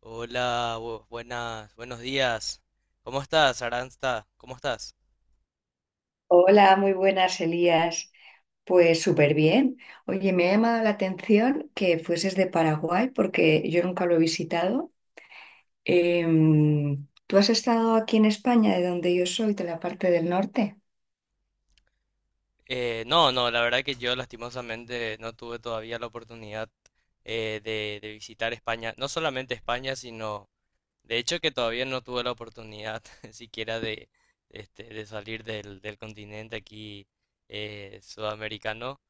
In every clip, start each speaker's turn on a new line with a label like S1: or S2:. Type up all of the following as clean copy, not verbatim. S1: Hola, buenas, buenos días. ¿Cómo estás, Aranza? ¿Cómo estás?
S2: Hola, muy buenas, Elías. Pues súper bien. Oye, me ha llamado la atención que fueses de Paraguay porque yo nunca lo he visitado. ¿Tú has estado aquí en España, de donde yo soy, de la parte del norte?
S1: No, no, la verdad que yo lastimosamente no tuve todavía la oportunidad de visitar España. No solamente España, sino. De hecho, que todavía no tuve la oportunidad siquiera de, de salir del continente aquí sudamericano.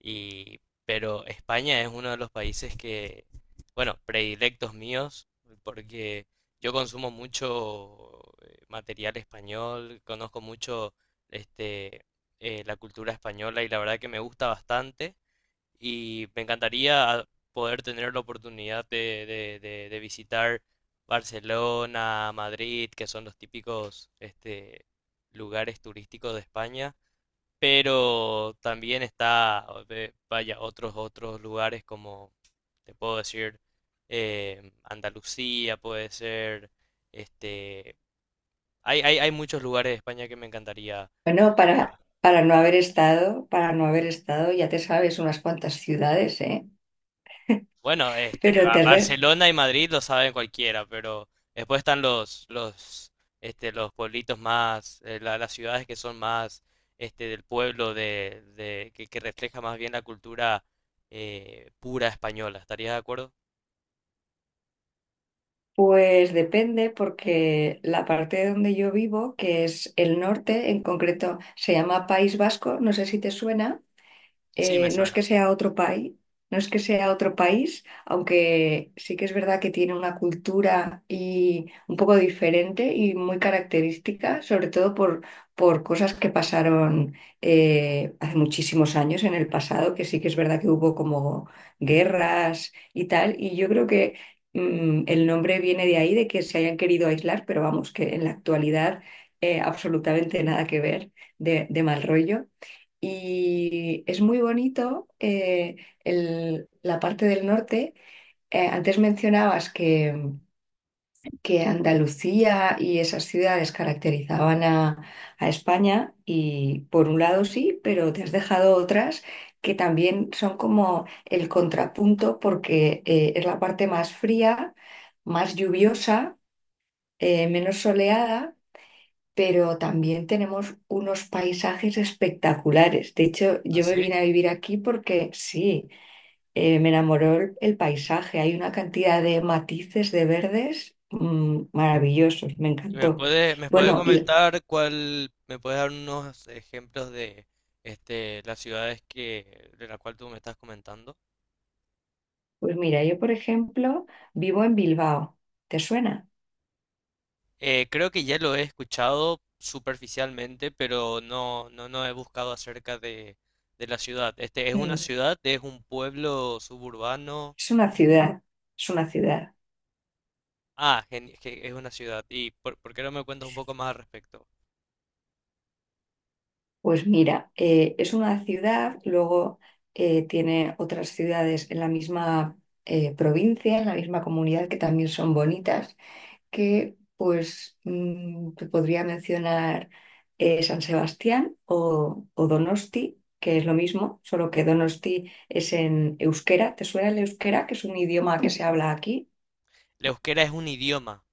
S1: Y, pero España es uno de los países que, bueno, predilectos míos, porque yo consumo mucho material español, conozco mucho este, la cultura española y la verdad que me gusta bastante y me encantaría poder tener la oportunidad de visitar Barcelona, Madrid, que son los típicos lugares turísticos de España, pero también está, vaya, otros lugares como, te puedo decir, Andalucía puede ser, este, hay muchos lugares de España que me encantaría.
S2: Bueno, para no haber estado, para no haber estado, ya te sabes unas cuantas ciudades, ¿eh?
S1: Bueno, este,
S2: Pero te re-
S1: Barcelona y Madrid lo saben cualquiera, pero después están los, este, los pueblitos más, las ciudades que son más, este, del pueblo que refleja más bien la cultura pura española. ¿Estarías de acuerdo?
S2: pues depende porque la parte de donde yo vivo, que es el norte, en concreto se llama País Vasco, no sé si te suena.
S1: Sí, me
S2: No es que
S1: suena.
S2: sea otro país, no es que sea otro país, aunque sí que es verdad que tiene una cultura y un poco diferente y muy característica, sobre todo por cosas que pasaron hace muchísimos años en el pasado, que sí que es verdad que hubo como guerras y tal, y yo creo que el nombre viene de ahí, de que se hayan querido aislar, pero vamos, que en la actualidad absolutamente nada que ver de mal rollo. Y es muy bonito, la parte del norte. Antes mencionabas que Andalucía y esas ciudades caracterizaban a España y por un lado sí, pero te has dejado otras que también son como el contrapunto porque es la parte más fría, más lluviosa, menos soleada, pero también tenemos unos paisajes espectaculares. De hecho,
S1: ¿Ah,
S2: yo me
S1: sí?
S2: vine a vivir aquí porque sí, me enamoró el paisaje. Hay una cantidad de matices de verdes maravillosos, me
S1: ¿Y
S2: encantó.
S1: me puede
S2: Bueno, y
S1: comentar cuál, me puedes dar unos ejemplos de, este, las ciudades que, de la cual tú me estás comentando?
S2: pues mira, yo por ejemplo vivo en Bilbao. ¿Te suena?
S1: Creo que ya lo he escuchado superficialmente, pero no, no, no he buscado acerca de la ciudad. Este, ¿es una
S2: Mm,
S1: ciudad? ¿Es un pueblo suburbano?
S2: Es una ciudad, es una ciudad.
S1: Ah, que es una ciudad. ¿Y por qué no me cuentas un poco más al respecto?
S2: Pues mira, es una ciudad, luego tiene otras ciudades en la misma provincia, en la misma comunidad que también son bonitas, que pues te podría mencionar San Sebastián o Donosti, que es lo mismo, solo que Donosti es en euskera. ¿Te suena el euskera, que es un idioma que se habla aquí?
S1: ¿La euskera es un idioma?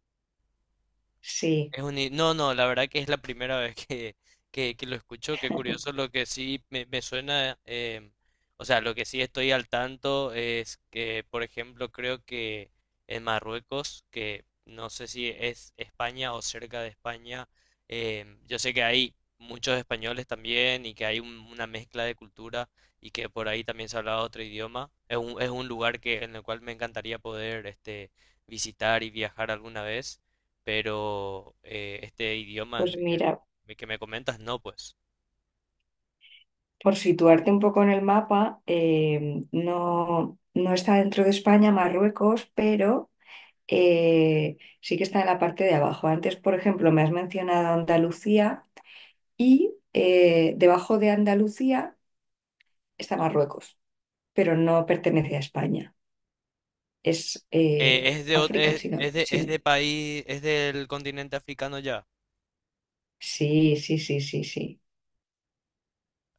S2: Sí,
S1: Es un... No, no, la verdad que es la primera vez que lo escucho. Qué curioso, lo que sí me suena, o sea, lo que sí estoy al tanto es que, por ejemplo, creo que en Marruecos, que no sé si es España o cerca de España, yo sé que hay muchos españoles también y que hay una mezcla de cultura y que por ahí también se habla otro idioma. Es un lugar que, en el cual me encantaría poder este, visitar y viajar alguna vez pero este idioma
S2: pues mira.
S1: el que me comentas, no, pues.
S2: Por situarte un poco en el mapa, no, no está dentro de España, Marruecos, pero sí que está en la parte de abajo. Antes, por ejemplo, me has mencionado Andalucía y, debajo de Andalucía está Marruecos, pero no pertenece a España. Es
S1: Es de,
S2: África,
S1: es de país, es del continente africano ya.
S2: sí, sí, sí, sí, sí.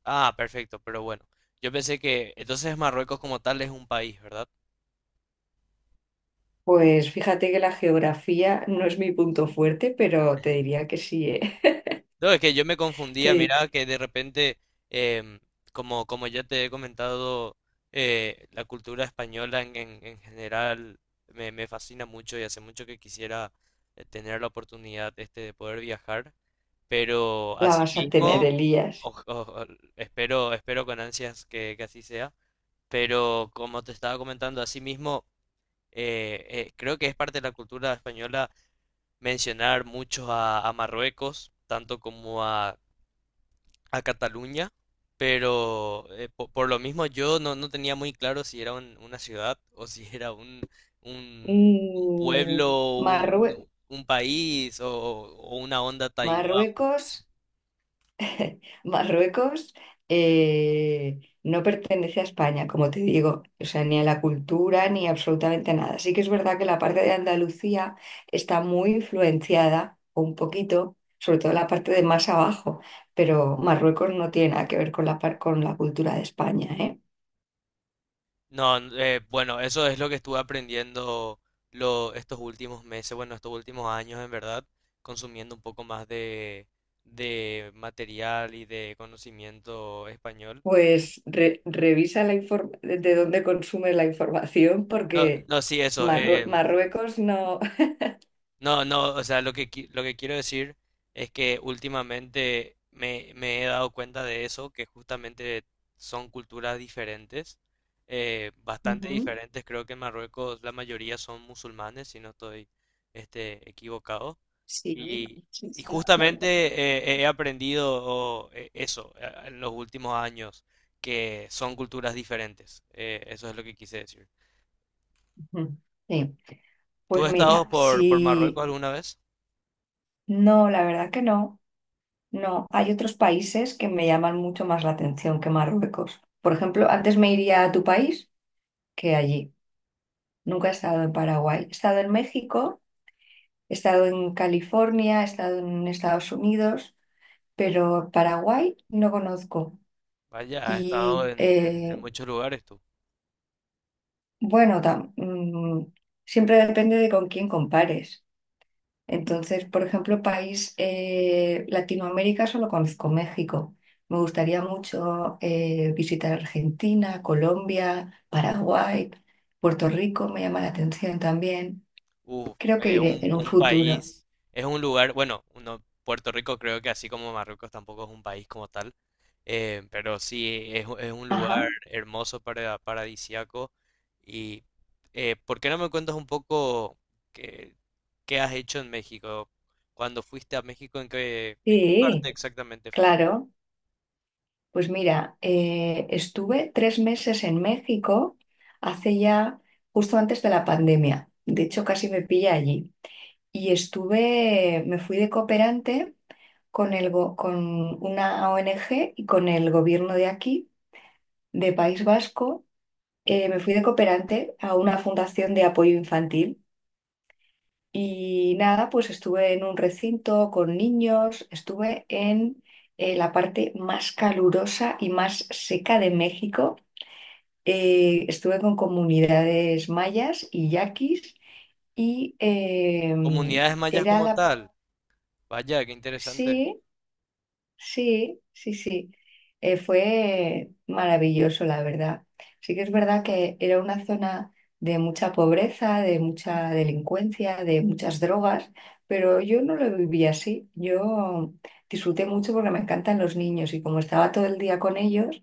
S1: Ah, perfecto, pero bueno. Yo pensé que entonces Marruecos como tal es un país, ¿verdad?
S2: Pues fíjate que la geografía no es mi punto fuerte, pero te diría que sí, ¿eh?
S1: No, es que yo me confundía,
S2: Te-
S1: mira, que de repente, em, como, como ya te he comentado, la cultura española en general me fascina mucho y hace mucho que quisiera tener la oportunidad este, de poder viajar. Pero
S2: la vas a tener,
S1: asimismo,
S2: Elías.
S1: espero, espero con ansias que así sea. Pero como te estaba comentando, asimismo, creo que es parte de la cultura española mencionar mucho a Marruecos, tanto como a Cataluña. Pero lo mismo yo no, no tenía muy claro si era una ciudad o si era un
S2: Mm,
S1: pueblo,
S2: Marrue-
S1: un país o una onda Taiwán.
S2: Marruecos, Marruecos no pertenece a España, como te digo, o sea, ni a la cultura ni absolutamente nada. Sí que es verdad que la parte de Andalucía está muy influenciada, un poquito, sobre todo la parte de más abajo, pero Marruecos no tiene nada que ver con la, con la cultura de España, ¿eh?
S1: No, bueno, eso es lo que estuve aprendiendo lo, estos últimos meses, bueno, estos últimos años en verdad, consumiendo un poco más de material y de conocimiento español.
S2: Pues revisa la de dónde consumes la información
S1: No,
S2: porque
S1: no, sí, eso.
S2: Marruecos no...
S1: No, no, o sea, lo que, lo que quiero decir es que últimamente me he dado cuenta de eso, que justamente son culturas diferentes, bastante
S2: Ujú.
S1: diferentes. Creo que en Marruecos la mayoría son musulmanes, si no estoy este, equivocado.
S2: Sí,
S1: Y,
S2: sí,
S1: y
S2: sí, claro.
S1: justamente he aprendido eso en los últimos años, que son culturas diferentes. Eso es lo que quise decir.
S2: Ujú. Sí.
S1: ¿Tú
S2: Pues
S1: has Ok, estado
S2: mira,
S1: por sí.
S2: si
S1: Marruecos alguna vez?
S2: no, la verdad que no, no. Hay otros países que me llaman mucho más la atención que Marruecos. Por ejemplo, antes me iría a tu país que allí. Nunca he estado en Paraguay. He estado en México, he estado en California, he estado en Estados Unidos, pero Paraguay no conozco.
S1: Vaya, has estado
S2: Y
S1: en, en muchos lugares tú.
S2: bueno, tam- mm, siempre depende de con quién compares. Entonces, por ejemplo, país, Latinoamérica solo conozco México. Me gustaría mucho visitar Argentina, Colombia, Paraguay, Puerto Rico me llama la atención también.
S1: Uf,
S2: Creo que iré en un
S1: un
S2: futuro.
S1: país, es un lugar, bueno, uno, Puerto Rico creo que así como Marruecos tampoco es un país como tal, pero sí es, es un
S2: Ajá,
S1: lugar hermoso para paradisíaco. Y ¿por qué no me cuentas un poco qué, qué has hecho en México? Cuando fuiste a México, en qué parte
S2: sí,
S1: exactamente fuiste?
S2: claro. Pues mira, estuve tres meses en México hace ya, justo antes de la pandemia. De hecho, casi me pilla allí. Y estuve, me fui de cooperante con el con una ONG y con el gobierno de aquí, de País Vasco. Me fui de cooperante a una fundación de apoyo infantil y nada, pues estuve en un recinto con niños, estuve en, la parte más calurosa y más seca de México. Estuve con comunidades mayas y yaquis y
S1: Comunidades mayas
S2: era
S1: como
S2: la...
S1: tal. Vaya, qué interesante.
S2: Sí, sí, sí, sí. Fue maravilloso, la verdad. Sí que es verdad que era una zona de mucha pobreza, de mucha delincuencia, de muchas drogas, pero yo no lo viví así. Yo disfruté mucho porque me encantan los niños y como estaba todo el día con ellos,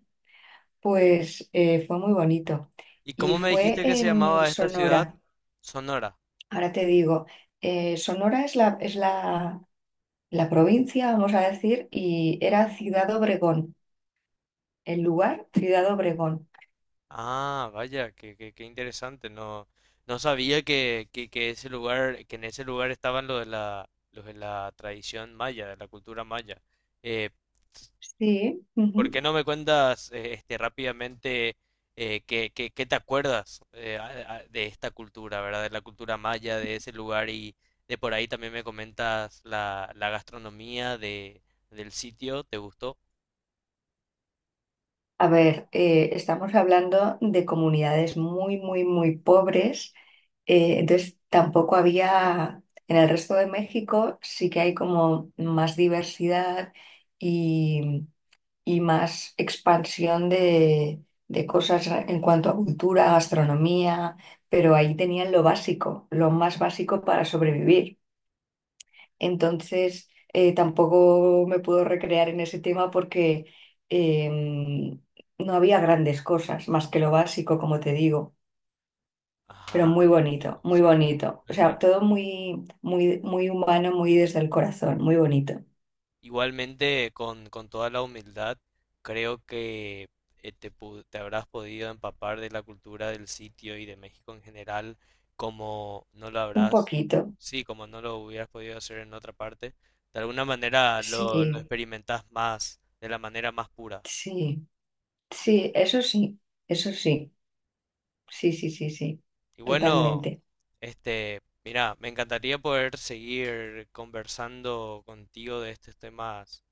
S2: pues fue muy bonito.
S1: ¿Y
S2: Y
S1: cómo me
S2: fue
S1: dijiste que se
S2: en
S1: llamaba esta ciudad?
S2: Sonora,
S1: Sonora.
S2: ahora te digo, Sonora es la, la provincia, vamos a decir, y era Ciudad Obregón. El lugar, Ciudad Obregón.
S1: Ah, vaya, qué, qué, qué interesante. No, no sabía que ese lugar, que en ese lugar estaban los de la tradición maya, de la cultura maya. Eh,
S2: Sí,
S1: ¿Por
S2: ujú.
S1: qué no me cuentas este rápidamente qué te acuerdas de esta cultura, ¿verdad? De la cultura maya, de ese lugar y de por ahí también me comentas la, la gastronomía de, del sitio. ¿Te gustó?
S2: A ver, estamos hablando de comunidades muy, muy, muy pobres. Entonces, tampoco había, en el resto de México sí que hay como más diversidad y, y más expansión de cosas en cuanto a cultura, gastronomía, pero ahí tenían lo básico, lo más básico para sobrevivir. Entonces, tampoco me puedo recrear en ese tema porque em, no había grandes cosas, más que lo básico, como te digo, pero
S1: Ajá,
S2: muy bonito,
S1: entiendo,
S2: muy
S1: sí,
S2: bonito.
S1: lo
S2: O sea,
S1: entiendo.
S2: todo muy, muy, muy humano, muy desde el corazón, muy bonito.
S1: Igualmente, con toda la humildad, creo que te habrás podido empapar de la cultura del sitio y de México en general, como no lo
S2: Un
S1: habrás,
S2: poquito,
S1: sí, como no lo hubieras podido hacer en otra parte. De alguna manera lo
S2: sí,
S1: experimentás más, de la manera más pura.
S2: sí, sí, eso sí, eso sí, sí, sí, sí, sí,
S1: Y bueno,
S2: totalmente.
S1: este, mira, me encantaría poder seguir conversando contigo de estos temas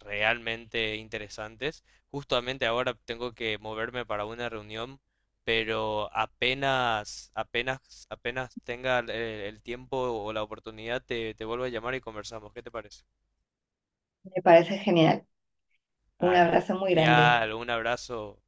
S1: realmente interesantes. Justamente ahora tengo que moverme para una reunión, pero apenas, apenas, apenas tenga el tiempo o la oportunidad, te vuelvo a llamar y conversamos. ¿Qué te parece?
S2: Me parece genial. Un
S1: Dale.
S2: abrazo muy grande.
S1: Genial, un abrazo.